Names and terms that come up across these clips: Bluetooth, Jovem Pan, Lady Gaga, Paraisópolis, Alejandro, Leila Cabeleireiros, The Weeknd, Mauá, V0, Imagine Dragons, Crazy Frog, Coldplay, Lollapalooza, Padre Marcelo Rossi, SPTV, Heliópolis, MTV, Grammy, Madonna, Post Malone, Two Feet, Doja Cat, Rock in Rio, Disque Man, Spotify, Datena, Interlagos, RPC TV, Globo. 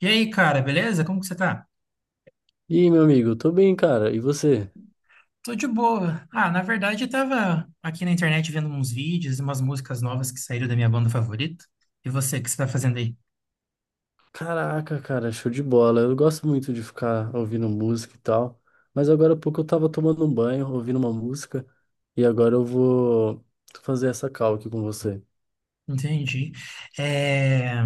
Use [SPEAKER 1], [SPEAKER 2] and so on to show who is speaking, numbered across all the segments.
[SPEAKER 1] E aí, cara, beleza? Como que você tá?
[SPEAKER 2] E aí, meu amigo, tô bem, cara. E você?
[SPEAKER 1] Tô de boa. Ah, na verdade, eu tava aqui na internet vendo uns vídeos e umas músicas novas que saíram da minha banda favorita. E você, o que você tá fazendo aí?
[SPEAKER 2] Caraca, cara, show de bola. Eu gosto muito de ficar ouvindo música e tal. Mas agora há pouco eu tava tomando um banho, ouvindo uma música. E agora eu vou fazer essa call aqui com você.
[SPEAKER 1] Entendi. É,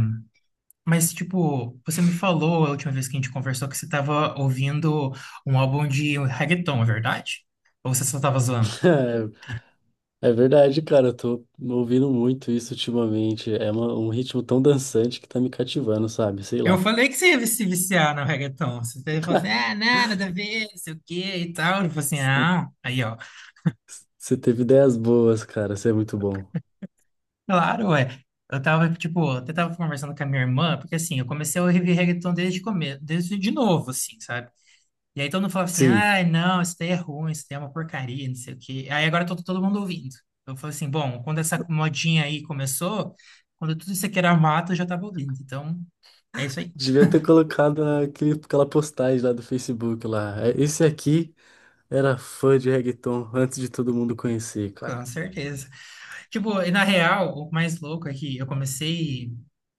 [SPEAKER 1] mas, tipo, você me falou a última vez que a gente conversou que você tava ouvindo um álbum de reggaeton, é verdade? Ou você só tava zoando?
[SPEAKER 2] É, é verdade, cara. Eu tô ouvindo muito isso ultimamente. É um ritmo tão dançante que tá me cativando, sabe? Sei
[SPEAKER 1] Eu
[SPEAKER 2] lá.
[SPEAKER 1] falei que você ia se viciar no reggaeton. Você até falou assim, ah, não, nada a ver, não sei o quê e tal. Eu falei assim, ah, aí, ó.
[SPEAKER 2] Você teve ideias boas, cara. Você é muito bom.
[SPEAKER 1] Claro, é. Tipo, eu até tava conversando com a minha irmã, porque assim, eu comecei a ouvir reggaeton desde o começo, desde de novo, assim, sabe? E aí todo mundo falava assim,
[SPEAKER 2] Sim.
[SPEAKER 1] ai, não, isso daí é ruim, isso daí é uma porcaria, não sei o quê. Aí agora todo mundo ouvindo. Eu falei assim, bom, quando essa modinha aí começou, quando tudo isso aqui era mato, eu já tava ouvindo. Então, é isso aí,
[SPEAKER 2] Devia ter colocado aquele, aquela postagem lá do Facebook lá. É, esse aqui. Era fã de reggaeton antes de todo mundo conhecer,
[SPEAKER 1] com
[SPEAKER 2] cara.
[SPEAKER 1] certeza. Tipo, e na real, o mais louco é que eu comecei,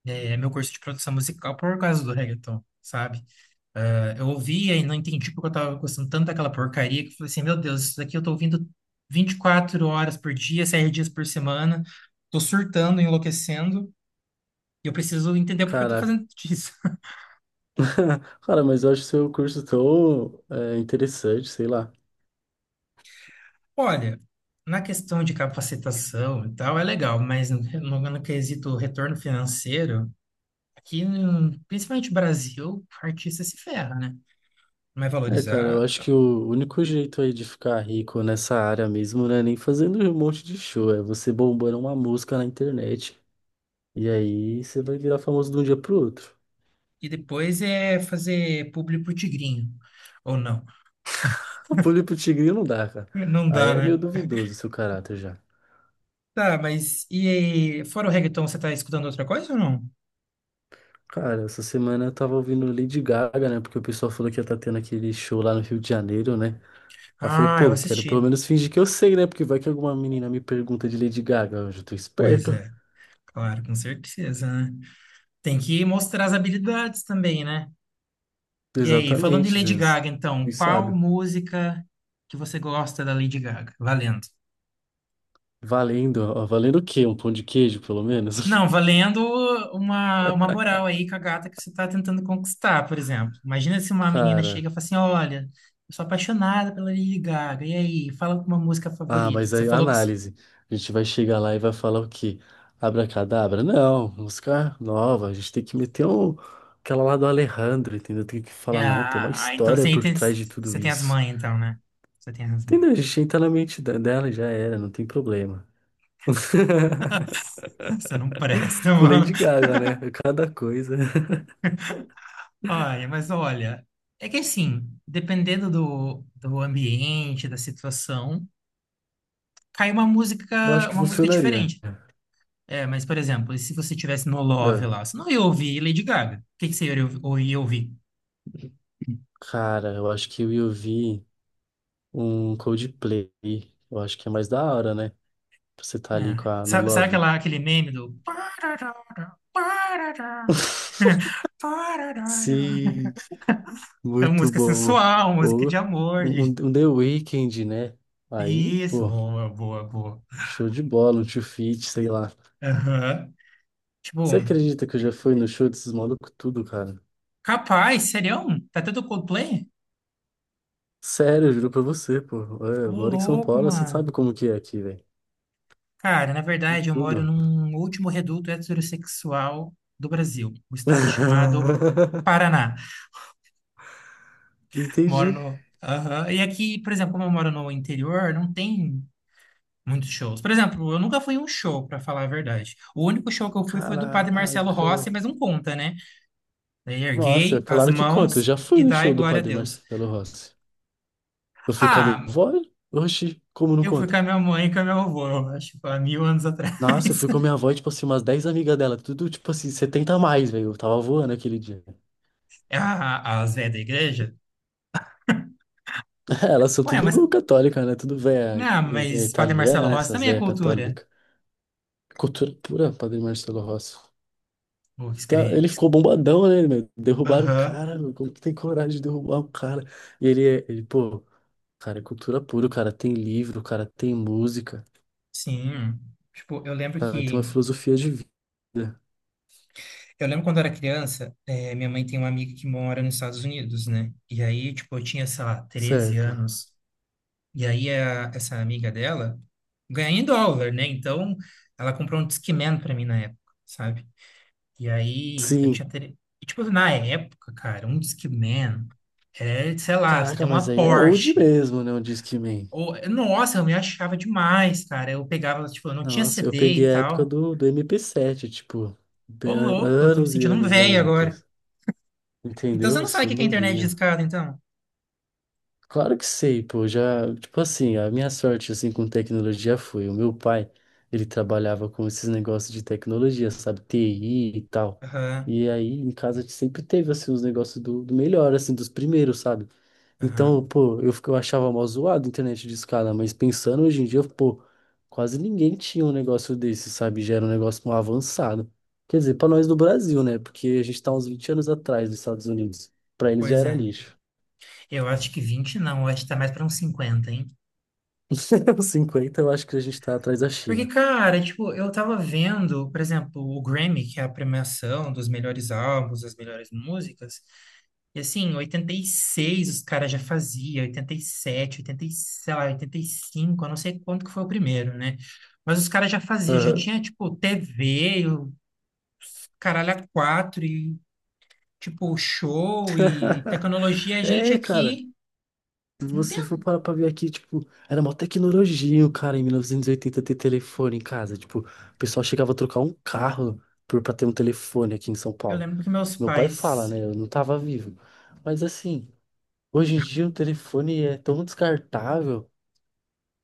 [SPEAKER 1] meu curso de produção musical por causa do reggaeton, sabe? Eu ouvia e não entendi porque eu tava gostando tanto daquela porcaria que eu falei assim, meu Deus, isso daqui eu tô ouvindo 24 horas por dia, 7 dias por semana, tô surtando, enlouquecendo, e eu preciso entender porque eu tô
[SPEAKER 2] Caraca.
[SPEAKER 1] fazendo isso.
[SPEAKER 2] Cara, mas eu acho seu curso tão interessante, sei lá.
[SPEAKER 1] Olha, na questão de capacitação e tal, é legal, mas no quesito retorno financeiro, aqui, no- principalmente no Brasil, o artista se ferra, né? Não é
[SPEAKER 2] É, cara, eu
[SPEAKER 1] valorizado e
[SPEAKER 2] acho
[SPEAKER 1] tal.
[SPEAKER 2] que o único jeito aí de ficar rico nessa área mesmo não é nem fazendo um monte de show, é você bombando uma música na internet. E aí você vai virar famoso de um dia pro outro.
[SPEAKER 1] E depois é fazer público pro tigrinho, ou não.
[SPEAKER 2] O pulo pro tigrinho não dá, cara.
[SPEAKER 1] Não
[SPEAKER 2] Aí
[SPEAKER 1] dá,
[SPEAKER 2] é meio
[SPEAKER 1] né?
[SPEAKER 2] duvidoso o seu caráter já.
[SPEAKER 1] Tá, mas e fora o reggaeton, você tá escutando outra coisa ou não?
[SPEAKER 2] Cara, essa semana eu tava ouvindo Lady Gaga, né? Porque o pessoal falou que ia tá tendo aquele show lá no Rio de Janeiro, né? Aí eu falei,
[SPEAKER 1] Ah,
[SPEAKER 2] pô,
[SPEAKER 1] eu
[SPEAKER 2] eu quero pelo
[SPEAKER 1] assisti.
[SPEAKER 2] menos fingir que eu sei, né? Porque vai que alguma menina me pergunta de Lady Gaga. Eu já tô
[SPEAKER 1] Pois
[SPEAKER 2] esperto.
[SPEAKER 1] é, claro, com certeza, né? Tem que mostrar as habilidades também, né? E aí, falando em
[SPEAKER 2] Exatamente,
[SPEAKER 1] Lady
[SPEAKER 2] Zeus.
[SPEAKER 1] Gaga, então,
[SPEAKER 2] E
[SPEAKER 1] qual
[SPEAKER 2] sábio.
[SPEAKER 1] música que você gosta da Lady Gaga? Valendo.
[SPEAKER 2] Valendo, ó, valendo o quê? Um pão de queijo, pelo menos?
[SPEAKER 1] Não, valendo uma moral aí com a gata que você tá tentando conquistar, por exemplo. Imagina se uma menina chega
[SPEAKER 2] Cara.
[SPEAKER 1] e fala assim, olha, eu sou apaixonada pela Lady Gaga, e aí, fala uma música
[SPEAKER 2] Ah,
[SPEAKER 1] favorita.
[SPEAKER 2] mas
[SPEAKER 1] Você
[SPEAKER 2] aí,
[SPEAKER 1] falou que.
[SPEAKER 2] análise. A gente vai chegar lá e vai falar o quê? Abracadabra? Não, música nova. A gente tem que meter um... aquela lá do Alejandro, entendeu? Tem que
[SPEAKER 1] É,
[SPEAKER 2] falar, não, tem uma
[SPEAKER 1] Ah, então
[SPEAKER 2] história por trás de tudo
[SPEAKER 1] você tem as
[SPEAKER 2] isso.
[SPEAKER 1] mães, então, né? Você tem as mães.
[SPEAKER 2] Entendeu? A gente entra na mente dela e já era, não tem problema.
[SPEAKER 1] Você não presta,
[SPEAKER 2] Com
[SPEAKER 1] mano.
[SPEAKER 2] Lady Gaga, né? Cada coisa.
[SPEAKER 1] Olha, mas olha, é que assim, dependendo do ambiente, da situação, cai uma
[SPEAKER 2] Eu acho
[SPEAKER 1] música,
[SPEAKER 2] que
[SPEAKER 1] uma música
[SPEAKER 2] funcionaria.
[SPEAKER 1] diferente. É, mas, por exemplo, e se você tivesse no Love
[SPEAKER 2] É.
[SPEAKER 1] lá, você não ia ouvir Lady Gaga. O que que você ou ia ouvir?
[SPEAKER 2] Cara, eu acho que eu ia ouvir um Coldplay. Eu acho que é mais da hora, né? Pra você tá ali com
[SPEAKER 1] É.
[SPEAKER 2] a, no
[SPEAKER 1] Sabe
[SPEAKER 2] Love.
[SPEAKER 1] aquele meme do.
[SPEAKER 2] Sim,
[SPEAKER 1] É uma
[SPEAKER 2] muito
[SPEAKER 1] música
[SPEAKER 2] bom.
[SPEAKER 1] sensual, música
[SPEAKER 2] Ou
[SPEAKER 1] de amor,
[SPEAKER 2] um, um
[SPEAKER 1] de.
[SPEAKER 2] um The Weeknd, né? Aí,
[SPEAKER 1] Isso,
[SPEAKER 2] pô,
[SPEAKER 1] boa, boa, boa.
[SPEAKER 2] show de bola, um Two Feet, sei lá.
[SPEAKER 1] Aham. Tipo,
[SPEAKER 2] Você acredita que eu já fui no show desses malucos tudo, cara?
[SPEAKER 1] capaz, serião? Tá tudo Coldplay?
[SPEAKER 2] Sério, eu juro pra você, pô. É,
[SPEAKER 1] Ô,
[SPEAKER 2] eu moro em São
[SPEAKER 1] louco,
[SPEAKER 2] Paulo, você
[SPEAKER 1] mano.
[SPEAKER 2] sabe como que é aqui, velho.
[SPEAKER 1] Cara, na verdade, eu moro
[SPEAKER 2] Tudo.
[SPEAKER 1] num último reduto heterossexual do Brasil, o estado chamado Paraná. Moro
[SPEAKER 2] Entendi.
[SPEAKER 1] no. Aham. E aqui, por exemplo, como eu moro no interior, não tem muitos shows. Por exemplo, eu nunca fui em um show, pra falar a verdade. O único show que eu fui foi do Padre Marcelo
[SPEAKER 2] Caraca.
[SPEAKER 1] Rossi, mas não conta, né? Daí
[SPEAKER 2] Nossa,
[SPEAKER 1] erguei as
[SPEAKER 2] claro que conta. Eu
[SPEAKER 1] mãos
[SPEAKER 2] já fui
[SPEAKER 1] e
[SPEAKER 2] no
[SPEAKER 1] dai
[SPEAKER 2] show do
[SPEAKER 1] glória a
[SPEAKER 2] Padre
[SPEAKER 1] Deus.
[SPEAKER 2] Marcelo Rossi. Eu fui com a minha
[SPEAKER 1] Ah,
[SPEAKER 2] avó. Oxi, como não
[SPEAKER 1] eu fui com
[SPEAKER 2] conta?
[SPEAKER 1] a minha mãe e com a minha avó, eu acho, há mil anos atrás.
[SPEAKER 2] Nossa, eu fui com a minha avó e, tipo assim, umas 10 amigas dela. Tudo, tipo assim, 70 a mais, velho. Eu tava voando aquele dia.
[SPEAKER 1] As velhas da igreja.
[SPEAKER 2] Elas são
[SPEAKER 1] Ué, mas,
[SPEAKER 2] tudo católicas, né? Tudo véia
[SPEAKER 1] não,
[SPEAKER 2] é
[SPEAKER 1] mas Padre Marcelo
[SPEAKER 2] italiana, né?
[SPEAKER 1] Rossi
[SPEAKER 2] Essas
[SPEAKER 1] também é
[SPEAKER 2] véias
[SPEAKER 1] cultura.
[SPEAKER 2] católicas. Cultura pura, Padre Marcelo Rossi.
[SPEAKER 1] O que
[SPEAKER 2] Então,
[SPEAKER 1] escre-
[SPEAKER 2] ele
[SPEAKER 1] que
[SPEAKER 2] ficou
[SPEAKER 1] es-
[SPEAKER 2] bombadão, né, meu? Derrubaram o
[SPEAKER 1] Aham,
[SPEAKER 2] cara, meu. Como que tem coragem de derrubar o cara? E ele, pô. Cara, é cultura pura, cara. Tem livro, cara, tem música,
[SPEAKER 1] sim. Tipo, eu lembro
[SPEAKER 2] cara, tem uma
[SPEAKER 1] que...
[SPEAKER 2] filosofia de vida.
[SPEAKER 1] Eu lembro quando eu era criança, minha mãe tem uma amiga que mora nos Estados Unidos, né? E aí, tipo, eu tinha, sei lá, 13
[SPEAKER 2] Certo.
[SPEAKER 1] anos. E aí, essa amiga dela ganha em dólar, né? Então, ela comprou um Discman pra mim na época, sabe? E aí eu
[SPEAKER 2] Sim.
[SPEAKER 1] tinha. Ter. E, tipo, na época, cara, um Discman é, sei lá, você tem
[SPEAKER 2] Caraca, mas
[SPEAKER 1] uma
[SPEAKER 2] aí é old
[SPEAKER 1] Porsche.
[SPEAKER 2] mesmo, né? O Disque Man.
[SPEAKER 1] Ou, nossa, eu me achava demais, cara. Eu pegava, tipo, eu não tinha
[SPEAKER 2] Nossa, eu
[SPEAKER 1] CD
[SPEAKER 2] peguei
[SPEAKER 1] e
[SPEAKER 2] a época
[SPEAKER 1] tal.
[SPEAKER 2] do MP7 tipo,
[SPEAKER 1] Ô,
[SPEAKER 2] bem-
[SPEAKER 1] louco, eu tô me
[SPEAKER 2] anos e
[SPEAKER 1] sentindo um
[SPEAKER 2] anos,
[SPEAKER 1] velho
[SPEAKER 2] anos
[SPEAKER 1] agora.
[SPEAKER 2] depois.
[SPEAKER 1] Então
[SPEAKER 2] Entendeu?
[SPEAKER 1] você
[SPEAKER 2] Eu
[SPEAKER 1] não sabe o
[SPEAKER 2] sou
[SPEAKER 1] que que é internet
[SPEAKER 2] novinho.
[SPEAKER 1] discada, então?
[SPEAKER 2] Claro que sei, pô, já, tipo assim, a minha sorte, assim, com tecnologia foi, o meu pai, ele trabalhava com esses negócios de tecnologia, sabe, TI e tal,
[SPEAKER 1] Aham,
[SPEAKER 2] e aí em casa a gente sempre teve, assim, os negócios do, do melhor, assim, dos primeiros, sabe, então,
[SPEAKER 1] aham.
[SPEAKER 2] pô, eu achava mó zoado a internet de escada, mas pensando hoje em dia, pô, quase ninguém tinha um negócio desse, sabe, já era um negócio mó avançado, quer dizer, pra nós do Brasil, né, porque a gente tá uns 20 anos atrás dos Estados Unidos, pra eles já
[SPEAKER 1] Pois
[SPEAKER 2] era
[SPEAKER 1] é.
[SPEAKER 2] lixo.
[SPEAKER 1] Eu acho que 20 não, eu acho que tá mais pra uns 50, hein?
[SPEAKER 2] Os 50, eu acho que a gente tá atrás da
[SPEAKER 1] Porque,
[SPEAKER 2] China.
[SPEAKER 1] cara, tipo, eu tava vendo, por exemplo, o Grammy, que é a premiação dos melhores álbuns, das melhores músicas. E assim, em 86 os caras já faziam, 87 sei lá, 85, eu não sei quanto que foi o primeiro, né? Mas os caras já faziam, já
[SPEAKER 2] Aham.
[SPEAKER 1] tinha, tipo, TV, o caralho a quatro, e, tipo, show e tecnologia. A gente
[SPEAKER 2] É, cara,
[SPEAKER 1] aqui,
[SPEAKER 2] se
[SPEAKER 1] não
[SPEAKER 2] você
[SPEAKER 1] tem.
[SPEAKER 2] for parar pra ver aqui, tipo, era mó tecnologia, o cara, em 1980 ter telefone em casa. Tipo, o pessoal chegava a trocar um carro por, pra ter um telefone aqui em São
[SPEAKER 1] Eu
[SPEAKER 2] Paulo.
[SPEAKER 1] lembro que meus
[SPEAKER 2] Meu pai fala,
[SPEAKER 1] pais.
[SPEAKER 2] né? Eu não tava vivo. Mas assim, hoje em dia o telefone é tão descartável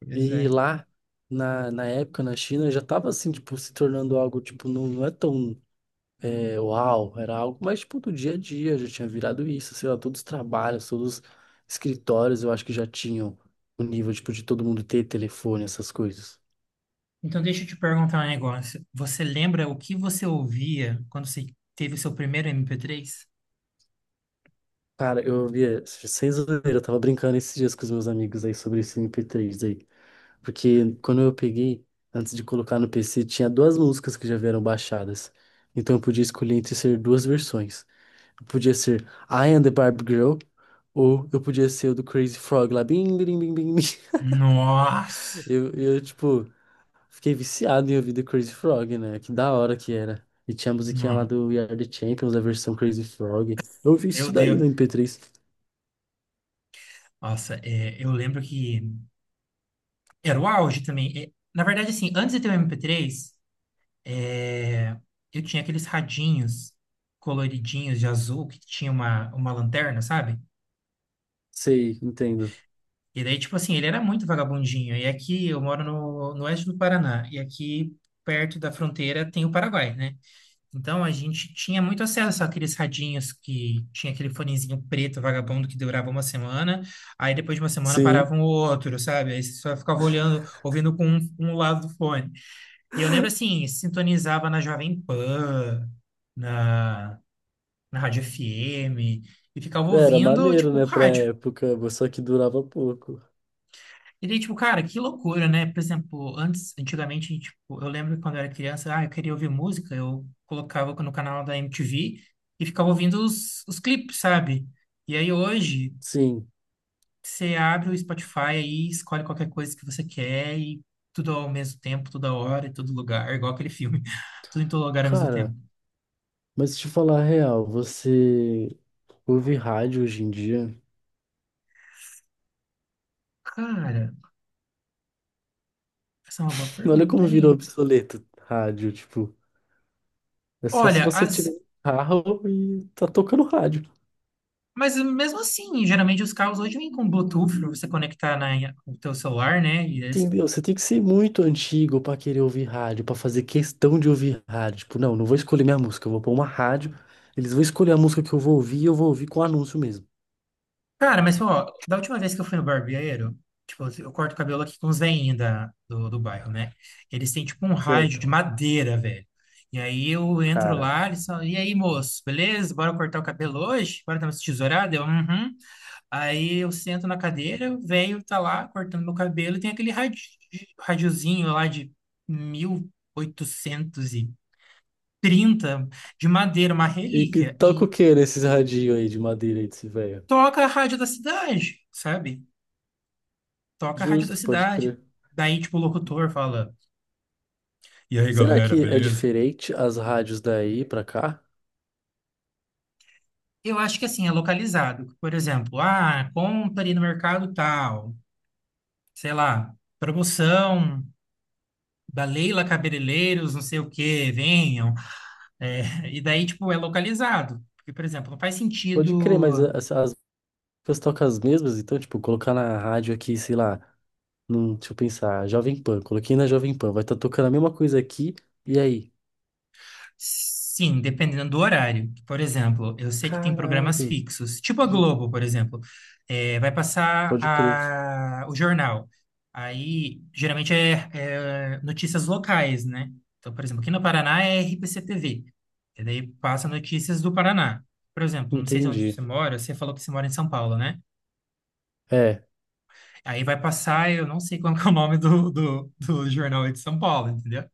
[SPEAKER 1] Pois
[SPEAKER 2] e
[SPEAKER 1] é.
[SPEAKER 2] lá na época, na China, já tava assim, tipo, se tornando algo, tipo, não, não é tão. Uau, era algo mais tipo do dia a dia, já tinha virado isso, sei lá, todos os trabalhos, todos os escritórios, eu acho que já tinham o nível, tipo, de todo mundo ter telefone, essas coisas.
[SPEAKER 1] Então deixa eu te perguntar um negócio. Você lembra o que você ouvia quando você teve o seu primeiro MP3?
[SPEAKER 2] Cara, eu via, sem zoeira, eu tava brincando esses dias com os meus amigos aí sobre esse MP3 aí, porque quando eu peguei, antes de colocar no PC, tinha duas músicas que já vieram baixadas, então eu podia escolher entre ser duas versões. Eu podia ser I Am the Barbie Girl, ou eu podia ser o do Crazy Frog lá, bim, bim, bim, bim, bim.
[SPEAKER 1] Nossa!
[SPEAKER 2] Tipo, fiquei viciado em ouvir The Crazy Frog, né? Que da hora que era. E tinha a musiquinha lá
[SPEAKER 1] Não.
[SPEAKER 2] do We Are The Champions, a versão Crazy Frog. Eu ouvi
[SPEAKER 1] Meu
[SPEAKER 2] isso daí no
[SPEAKER 1] Deus.
[SPEAKER 2] MP3.
[SPEAKER 1] Nossa, é, eu lembro que era o auge também. É, na verdade, assim, antes de ter o MP3, eu tinha aqueles radinhos coloridinhos de azul que tinha uma lanterna, sabe?
[SPEAKER 2] Sei, entendo.
[SPEAKER 1] E daí, tipo assim, ele era muito vagabundinho. E aqui eu moro no oeste do Paraná, e aqui perto da fronteira tem o Paraguai, né? Então a gente tinha muito acesso àqueles radinhos que tinha aquele fonezinho preto vagabundo que durava uma semana, aí depois de uma semana parava
[SPEAKER 2] Sim,
[SPEAKER 1] um outro, sabe? Aí você só ficava olhando, ouvindo com um lado do fone. E eu lembro assim, sintonizava na Jovem Pan, na, na Rádio FM, e ficava
[SPEAKER 2] era
[SPEAKER 1] ouvindo,
[SPEAKER 2] maneiro,
[SPEAKER 1] tipo,
[SPEAKER 2] né, pra
[SPEAKER 1] rádio.
[SPEAKER 2] época, mas só que durava pouco.
[SPEAKER 1] E daí, tipo, cara, que loucura, né? Por exemplo, antes, antigamente, tipo, eu lembro que quando eu era criança, ah, eu queria ouvir música, eu colocava no canal da MTV e ficava ouvindo os clipes, sabe? E aí hoje,
[SPEAKER 2] Sim,
[SPEAKER 1] você abre o Spotify aí, escolhe qualquer coisa que você quer e tudo ao mesmo tempo, toda hora, em todo lugar, igual aquele filme, tudo em todo lugar ao mesmo tempo.
[SPEAKER 2] cara, mas te falar a real, você ouve rádio hoje em dia?
[SPEAKER 1] Cara, essa é uma boa
[SPEAKER 2] Olha
[SPEAKER 1] pergunta,
[SPEAKER 2] como virou
[SPEAKER 1] hein?
[SPEAKER 2] obsoleto rádio, tipo, é só se
[SPEAKER 1] Olha,
[SPEAKER 2] você tiver
[SPEAKER 1] as.
[SPEAKER 2] carro e tá tocando rádio.
[SPEAKER 1] Mas mesmo assim, geralmente os carros hoje vêm com Bluetooth pra você conectar o teu celular, né? E eles.
[SPEAKER 2] Entendeu? Você tem que ser muito antigo pra querer ouvir rádio, pra fazer questão de ouvir rádio. Tipo, não, não vou escolher minha música, eu vou pôr uma rádio, eles vão escolher a música que eu vou ouvir e eu vou ouvir com anúncio mesmo.
[SPEAKER 1] Cara, mas ó, da última vez que eu fui no barbeiro, tipo, eu corto o cabelo aqui com os veinhos do bairro, né? Eles têm tipo um rádio de
[SPEAKER 2] Certo.
[SPEAKER 1] madeira, velho. E aí eu entro lá,
[SPEAKER 2] Caraca.
[SPEAKER 1] eles falam, e aí, moço, beleza? Bora cortar o cabelo hoje? Bora dar uma tesourada? Eu, uhum. Aí eu sento na cadeira, o velho tá lá cortando meu cabelo, e tem aquele radiozinho lá de 1830 de madeira, uma
[SPEAKER 2] E que
[SPEAKER 1] relíquia,
[SPEAKER 2] toca
[SPEAKER 1] e
[SPEAKER 2] o que nesses radinhos aí de madeira aí desse velho?
[SPEAKER 1] toca a rádio da cidade, sabe? Toca a rádio da
[SPEAKER 2] Justo, pode
[SPEAKER 1] cidade.
[SPEAKER 2] crer.
[SPEAKER 1] Daí, tipo, o locutor fala: e aí,
[SPEAKER 2] Será
[SPEAKER 1] galera,
[SPEAKER 2] que é
[SPEAKER 1] beleza?
[SPEAKER 2] diferente as rádios daí pra cá?
[SPEAKER 1] Eu acho que assim, é localizado. Por exemplo, ah, compre no mercado tal, sei lá, promoção da Leila Cabeleireiros, não sei o quê, venham. É, e daí, tipo, é localizado. Porque, por exemplo, não faz
[SPEAKER 2] Pode crer, mas
[SPEAKER 1] sentido.
[SPEAKER 2] as músicas tocam as mesmas, então, tipo, colocar na rádio aqui, sei lá, num, deixa eu pensar, Jovem Pan, coloquei na Jovem Pan, vai estar tocando a mesma coisa aqui, e aí?
[SPEAKER 1] Sim, dependendo do horário. Por exemplo, eu sei que tem
[SPEAKER 2] Caraca,
[SPEAKER 1] programas fixos, tipo a
[SPEAKER 2] entendi.
[SPEAKER 1] Globo, por exemplo. É, vai passar
[SPEAKER 2] Pode crer.
[SPEAKER 1] o jornal. Aí, geralmente, é notícias locais, né? Então, por exemplo, aqui no Paraná é RPC TV. E daí passa notícias do Paraná. Por exemplo, não sei onde
[SPEAKER 2] Entendi.
[SPEAKER 1] você mora, você falou que você mora em São Paulo, né?
[SPEAKER 2] É,
[SPEAKER 1] Aí vai passar, eu não sei qual que é o nome do jornal aí de São Paulo, entendeu?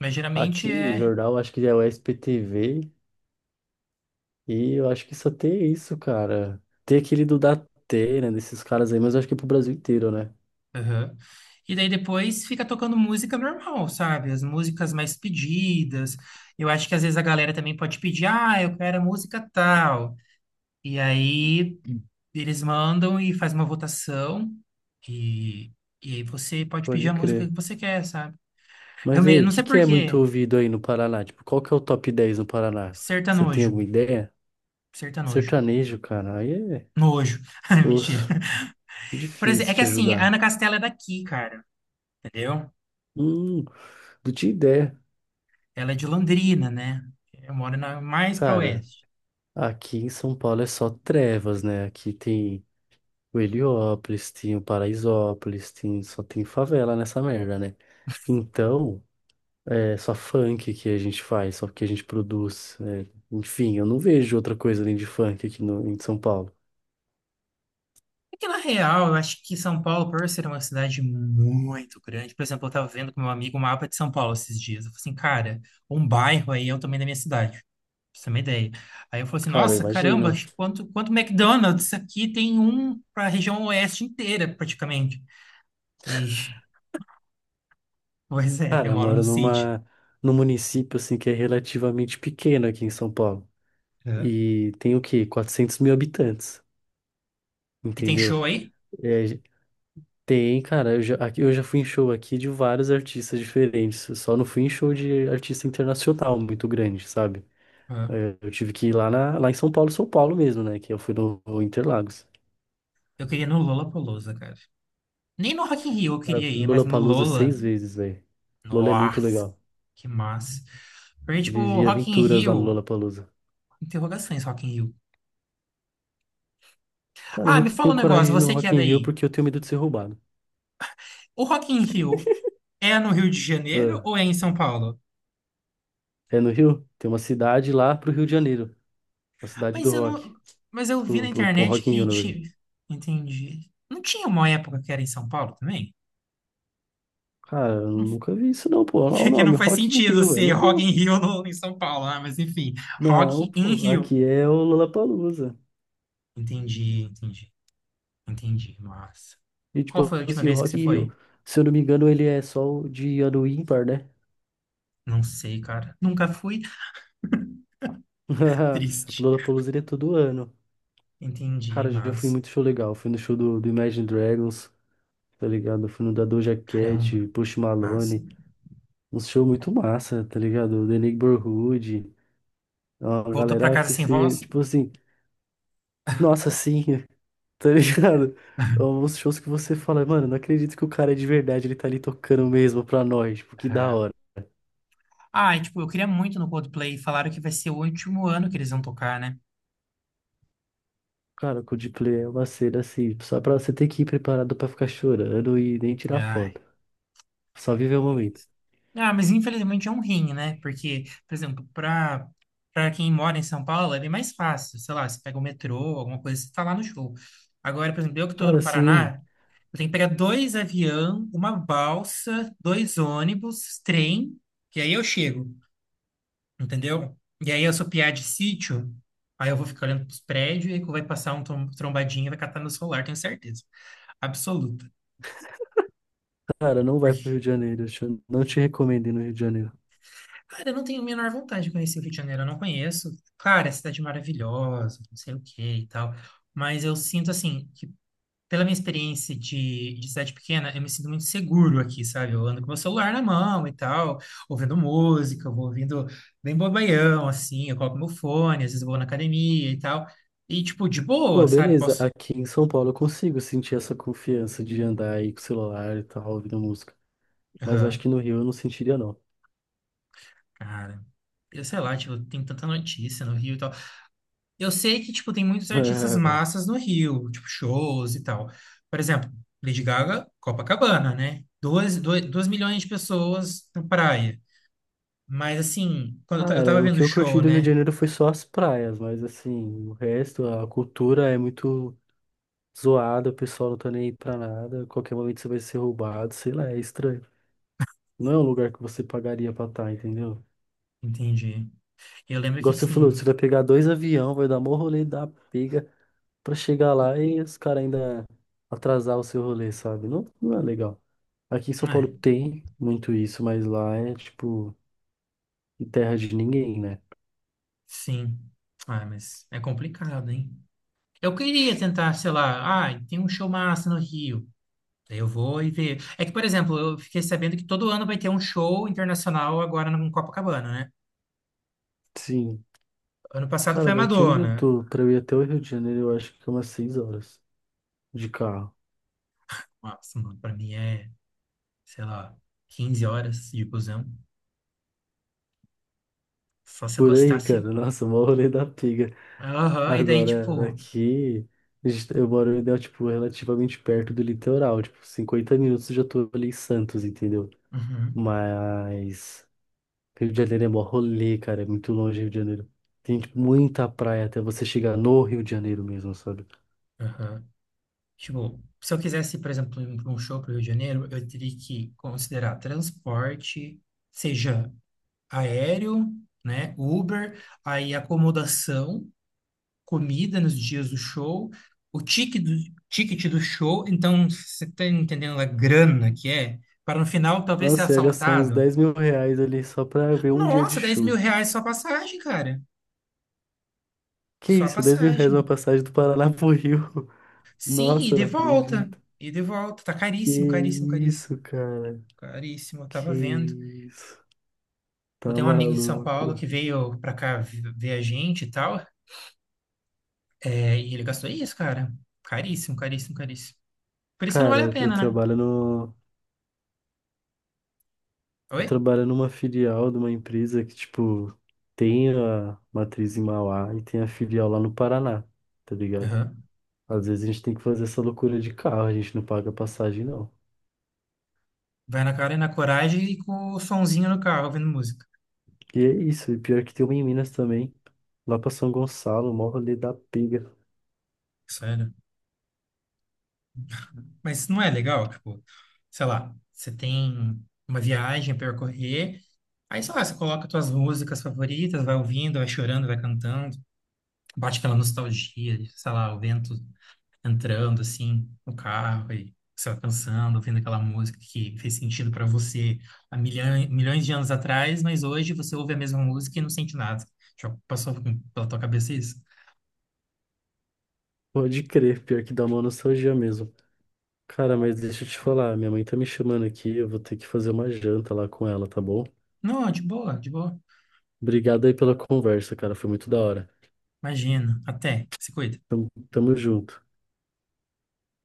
[SPEAKER 1] Mas geralmente
[SPEAKER 2] aqui,
[SPEAKER 1] é.
[SPEAKER 2] jornal, acho que é o SPTV e eu acho que só tem isso, cara. Tem aquele do Datena, desses caras aí, mas eu acho que é pro Brasil inteiro, né?
[SPEAKER 1] Aham. E daí depois fica tocando música normal, sabe? As músicas mais pedidas. Eu acho que às vezes a galera também pode pedir, ah, eu quero a música tal. E aí
[SPEAKER 2] Hum.
[SPEAKER 1] eles mandam e faz uma votação. E, e aí você pode pedir
[SPEAKER 2] Pode
[SPEAKER 1] a música
[SPEAKER 2] crer.
[SPEAKER 1] que você quer, sabe? Eu
[SPEAKER 2] Mas aí, o
[SPEAKER 1] não
[SPEAKER 2] que
[SPEAKER 1] sei
[SPEAKER 2] que
[SPEAKER 1] por
[SPEAKER 2] é muito
[SPEAKER 1] quê.
[SPEAKER 2] ouvido aí no Paraná? Tipo, qual que é o top 10 no Paraná? Você tem
[SPEAKER 1] Sertanojo.
[SPEAKER 2] alguma ideia?
[SPEAKER 1] Sertanojo.
[SPEAKER 2] Sertanejo, cara. Aí é
[SPEAKER 1] Nojo. Ah, mentira.
[SPEAKER 2] osso.
[SPEAKER 1] Por exemplo,
[SPEAKER 2] Difícil
[SPEAKER 1] é que
[SPEAKER 2] te
[SPEAKER 1] assim, a Ana
[SPEAKER 2] ajudar.
[SPEAKER 1] Castela é daqui, cara. Entendeu?
[SPEAKER 2] Hum, não tinha ideia.
[SPEAKER 1] Ela é de Londrina, né? Eu moro mais para
[SPEAKER 2] Cara,
[SPEAKER 1] oeste.
[SPEAKER 2] aqui em São Paulo é só trevas, né? Aqui tem o Heliópolis, tinha o Paraisópolis, tinha, só tem favela nessa merda, né? Então, é só funk que a gente faz, só que a gente produz. Enfim, eu não vejo outra coisa além de funk aqui no, em São Paulo.
[SPEAKER 1] É que, na real, eu acho que São Paulo, por ser uma cidade muito grande, por exemplo, eu estava vendo com meu amigo o mapa de São Paulo esses dias. Eu falei assim, cara, um bairro aí é o tamanho da minha cidade, pra você ter uma ideia. Aí eu falei assim,
[SPEAKER 2] Cara, eu
[SPEAKER 1] nossa, caramba,
[SPEAKER 2] imagino.
[SPEAKER 1] quanto McDonald's aqui tem um para a região oeste inteira, praticamente. E, pois é,
[SPEAKER 2] Cara,
[SPEAKER 1] eu
[SPEAKER 2] eu
[SPEAKER 1] moro no
[SPEAKER 2] moro
[SPEAKER 1] sítio.
[SPEAKER 2] numa, num município assim que é relativamente pequeno aqui em São Paulo.
[SPEAKER 1] É.
[SPEAKER 2] E tem o quê? 400.000 habitantes,
[SPEAKER 1] E tem
[SPEAKER 2] entendeu?
[SPEAKER 1] show aí?
[SPEAKER 2] É, tem, cara, eu já, eu já fui em show aqui de vários artistas diferentes. Eu só não fui em show de artista internacional muito grande, sabe?
[SPEAKER 1] É.
[SPEAKER 2] É, eu tive que ir lá, na, lá em São Paulo, São Paulo mesmo, né? Que eu fui no Interlagos.
[SPEAKER 1] Eu queria ir no Lollapalooza, cara. Nem no Rock in Rio eu
[SPEAKER 2] Cara, eu
[SPEAKER 1] queria
[SPEAKER 2] fui
[SPEAKER 1] ir,
[SPEAKER 2] no
[SPEAKER 1] mas no
[SPEAKER 2] Lollapalooza
[SPEAKER 1] Lola,
[SPEAKER 2] seis vezes, velho. Lola é muito
[SPEAKER 1] nossa,
[SPEAKER 2] legal.
[SPEAKER 1] que massa. Porque, tipo, o
[SPEAKER 2] Vivi
[SPEAKER 1] Rock in
[SPEAKER 2] aventuras lá no
[SPEAKER 1] Rio.
[SPEAKER 2] Lollapalooza.
[SPEAKER 1] Interrogações, Rock in Rio.
[SPEAKER 2] Cara, eu
[SPEAKER 1] Ah,
[SPEAKER 2] não
[SPEAKER 1] me fala um
[SPEAKER 2] tenho coragem
[SPEAKER 1] negócio,
[SPEAKER 2] de ir no
[SPEAKER 1] você que é
[SPEAKER 2] Rock in Rio
[SPEAKER 1] daí.
[SPEAKER 2] porque eu tenho medo de ser roubado.
[SPEAKER 1] O Rock in Rio é no Rio de Janeiro
[SPEAKER 2] Ah,
[SPEAKER 1] ou é em São Paulo?
[SPEAKER 2] é no Rio? Tem uma cidade lá pro Rio de Janeiro. A cidade do
[SPEAKER 1] Mas eu
[SPEAKER 2] rock.
[SPEAKER 1] não, mas eu vi na
[SPEAKER 2] Pro
[SPEAKER 1] internet
[SPEAKER 2] Rock in
[SPEAKER 1] que
[SPEAKER 2] Rio, na verdade.
[SPEAKER 1] tinha, entendi. Não tinha uma época que era em São Paulo também?
[SPEAKER 2] Cara, eu
[SPEAKER 1] Não-
[SPEAKER 2] nunca vi isso não, pô. Olha o
[SPEAKER 1] que não
[SPEAKER 2] nome,
[SPEAKER 1] faz
[SPEAKER 2] Rock in
[SPEAKER 1] sentido
[SPEAKER 2] Rio, é
[SPEAKER 1] ser
[SPEAKER 2] no
[SPEAKER 1] Rock in
[SPEAKER 2] Rio.
[SPEAKER 1] Rio no, em São Paulo, né? Mas enfim,
[SPEAKER 2] Não,
[SPEAKER 1] Rock in
[SPEAKER 2] pô,
[SPEAKER 1] Rio.
[SPEAKER 2] aqui é o Lollapalooza.
[SPEAKER 1] Entendi, entendi, entendi. Nossa.
[SPEAKER 2] E
[SPEAKER 1] Qual
[SPEAKER 2] tipo
[SPEAKER 1] foi a última
[SPEAKER 2] assim, o
[SPEAKER 1] vez que você
[SPEAKER 2] Rock in
[SPEAKER 1] foi?
[SPEAKER 2] Rio, se eu não me engano, ele é só o de ano ímpar, né?
[SPEAKER 1] Não sei, cara. Nunca fui.
[SPEAKER 2] O
[SPEAKER 1] Triste.
[SPEAKER 2] Lollapalooza ele é todo ano.
[SPEAKER 1] Entendi,
[SPEAKER 2] Cara, já fui em
[SPEAKER 1] mas
[SPEAKER 2] muito show legal. Fui no show do Imagine Dragons, tá ligado? Fui no da Doja
[SPEAKER 1] caramba,
[SPEAKER 2] Cat, Post
[SPEAKER 1] mas
[SPEAKER 2] Malone. Um show muito massa, tá ligado? The Neighborhood. É uma
[SPEAKER 1] voltou pra
[SPEAKER 2] galera
[SPEAKER 1] casa
[SPEAKER 2] que
[SPEAKER 1] sem
[SPEAKER 2] se,
[SPEAKER 1] voz?
[SPEAKER 2] tipo assim, nossa, sim, tá ligado? Alguns shows que você fala, mano, não acredito que o cara é de verdade, ele tá ali tocando mesmo pra nós, tipo, que da
[SPEAKER 1] É.
[SPEAKER 2] hora.
[SPEAKER 1] Ah, e, tipo, eu queria muito no Coldplay. Falaram que vai ser o último ano que eles vão tocar, né?
[SPEAKER 2] Cara, o Coldplay é uma cena assim, só pra você ter que ir preparado pra ficar chorando e nem tirar
[SPEAKER 1] Ai.
[SPEAKER 2] foto, só viver o momento.
[SPEAKER 1] Ah, mas infelizmente é um rim, né? Porque, por exemplo, pra quem mora em São Paulo é bem mais fácil. Sei lá, você pega o metrô, alguma coisa, você tá lá no show. Agora, por exemplo, eu que tô no
[SPEAKER 2] Cara, sim.
[SPEAKER 1] Paraná, eu tenho que pegar dois avião, uma balsa, dois ônibus, trem, que aí eu chego. Entendeu? E aí eu sou piá de sítio, aí eu vou ficar olhando pros prédios e aí vai passar um trombadinho e vai catar meu celular, tenho certeza. Absoluta.
[SPEAKER 2] Cara, não vai pro Rio
[SPEAKER 1] Porque,
[SPEAKER 2] de Janeiro, eu não te recomendo ir no Rio de Janeiro.
[SPEAKER 1] cara, eu não tenho a menor vontade de conhecer o Rio de Janeiro, eu não conheço. Claro, é cidade maravilhosa, não sei o que e tal. Mas eu sinto assim, que pela minha experiência de cidade pequena, eu me sinto muito seguro aqui, sabe? Eu ando com meu celular na mão e tal, ouvindo música, eu vou ouvindo bem bobaião, assim, eu coloco meu fone, às vezes eu vou na academia e tal. E, tipo, de boa,
[SPEAKER 2] Pô,
[SPEAKER 1] sabe?
[SPEAKER 2] beleza,
[SPEAKER 1] Posso.
[SPEAKER 2] aqui em São Paulo eu consigo sentir essa confiança de andar aí com o celular e tal, ouvindo música, mas eu acho
[SPEAKER 1] Aham,
[SPEAKER 2] que no Rio eu não sentiria não.
[SPEAKER 1] cara. Eu sei lá, tipo, tem tanta notícia no Rio e tal. Eu sei que, tipo, tem muitos artistas massas no Rio, tipo, shows e tal. Por exemplo, Lady Gaga, Copacabana, né? 2 milhões de pessoas na praia. Mas assim, quando eu tava
[SPEAKER 2] Cara, o
[SPEAKER 1] vendo
[SPEAKER 2] que
[SPEAKER 1] o
[SPEAKER 2] eu curti
[SPEAKER 1] show,
[SPEAKER 2] do Rio de
[SPEAKER 1] né?
[SPEAKER 2] Janeiro foi só as praias, mas assim, o resto, a cultura é muito zoada, o pessoal não tá nem aí pra nada, a qualquer momento você vai ser roubado, sei lá, é estranho. Não é um lugar que você pagaria pra estar, entendeu?
[SPEAKER 1] Entendi. Eu lembro que
[SPEAKER 2] Igual você falou,
[SPEAKER 1] assim,
[SPEAKER 2] você vai pegar dois avião, vai dar mó rolê da pega pra chegar lá e os caras ainda atrasar o seu rolê, sabe? Não, não é legal. Aqui em São Paulo
[SPEAKER 1] ah,
[SPEAKER 2] tem muito isso, mas lá é tipo terra de ninguém, né?
[SPEAKER 1] sim. Ah, mas é complicado, hein? Eu queria tentar, sei lá, ah, tem um show massa no Rio. Daí eu vou e ver. É que, por exemplo, eu fiquei sabendo que todo ano vai ter um show internacional agora no Copacabana, né?
[SPEAKER 2] Sim.
[SPEAKER 1] Ano passado
[SPEAKER 2] Cara,
[SPEAKER 1] foi a
[SPEAKER 2] daqui onde eu
[SPEAKER 1] Madonna.
[SPEAKER 2] tô, pra eu ir até o Rio de Janeiro, eu acho que é umas 6 horas de carro.
[SPEAKER 1] Nossa, mano, pra mim é, sei lá, 15 horas de busão. Só se eu
[SPEAKER 2] Por aí,
[SPEAKER 1] gostasse.
[SPEAKER 2] cara. Nossa, mó rolê da pega.
[SPEAKER 1] Aham, e daí,
[SPEAKER 2] Agora,
[SPEAKER 1] tipo.
[SPEAKER 2] daqui, eu moro, né, tipo, relativamente perto do litoral. Tipo, 50 minutos eu já tô ali em Santos, entendeu?
[SPEAKER 1] Uhum,
[SPEAKER 2] Mas Rio de Janeiro é mó rolê, cara. É muito longe Rio de Janeiro. Tem, tipo, muita praia até você chegar no Rio de Janeiro mesmo, sabe?
[SPEAKER 1] aham. Tipo, se eu quisesse, por exemplo, ir para um show para o Rio de Janeiro, eu teria que considerar transporte, seja aéreo, né, Uber, aí acomodação, comida nos dias do show, o ticket do, ticket do show. Então, você está entendendo a grana que é? Para no final talvez ser
[SPEAKER 2] Nossa, eu ia gastar uns
[SPEAKER 1] assaltado.
[SPEAKER 2] R$ 10.000 ali só pra ver um dia de
[SPEAKER 1] Nossa, dez mil
[SPEAKER 2] show.
[SPEAKER 1] reais só a passagem, cara.
[SPEAKER 2] Que
[SPEAKER 1] Só a
[SPEAKER 2] isso, R$ 10.000 uma
[SPEAKER 1] passagem.
[SPEAKER 2] passagem do Paraná pro Rio.
[SPEAKER 1] Sim, e
[SPEAKER 2] Nossa,
[SPEAKER 1] de
[SPEAKER 2] não
[SPEAKER 1] volta.
[SPEAKER 2] acredito.
[SPEAKER 1] E de volta. Tá
[SPEAKER 2] Que
[SPEAKER 1] caríssimo, caríssimo, caríssimo.
[SPEAKER 2] isso, cara?
[SPEAKER 1] Caríssimo, eu
[SPEAKER 2] Que
[SPEAKER 1] tava vendo.
[SPEAKER 2] isso? Tá
[SPEAKER 1] Eu tenho um amigo em São Paulo
[SPEAKER 2] maluco?
[SPEAKER 1] que veio pra cá ver a gente e tal, é, e ele gastou isso, cara. Caríssimo, caríssimo, caríssimo. Por isso que não vale a
[SPEAKER 2] Cara, eu
[SPEAKER 1] pena, né?
[SPEAKER 2] trabalho no, eu
[SPEAKER 1] Oi?
[SPEAKER 2] trabalho numa filial de uma empresa que, tipo, tem a matriz em Mauá e tem a filial lá no Paraná, tá ligado?
[SPEAKER 1] Aham.
[SPEAKER 2] Às vezes a gente tem que fazer essa loucura de carro, a gente não paga passagem, não.
[SPEAKER 1] Vai na cara e na coragem e com o sonzinho no carro ouvindo música.
[SPEAKER 2] E é isso, e pior que tem uma em Minas também, lá pra São Gonçalo, mó rolê da pega.
[SPEAKER 1] Sério. Mas não é legal, tipo, sei lá, você tem uma viagem a percorrer, aí sei lá, você coloca suas músicas favoritas, vai ouvindo, vai chorando, vai cantando, bate aquela nostalgia, sei lá, o vento entrando assim no carro e você vai pensando, ouvindo aquela música que fez sentido para você há milhões, milhões de anos atrás, mas hoje você ouve a mesma música e não sente nada. Já passou pela tua cabeça isso?
[SPEAKER 2] Pode crer, pior que dá uma nostalgia mesmo. Cara, mas deixa eu te falar, minha mãe tá me chamando aqui, eu vou ter que fazer uma janta lá com ela, tá bom?
[SPEAKER 1] Não, de boa, de boa.
[SPEAKER 2] Obrigado aí pela conversa, cara, foi muito da hora.
[SPEAKER 1] Imagina. Até. Se cuida.
[SPEAKER 2] Tamo, tamo junto.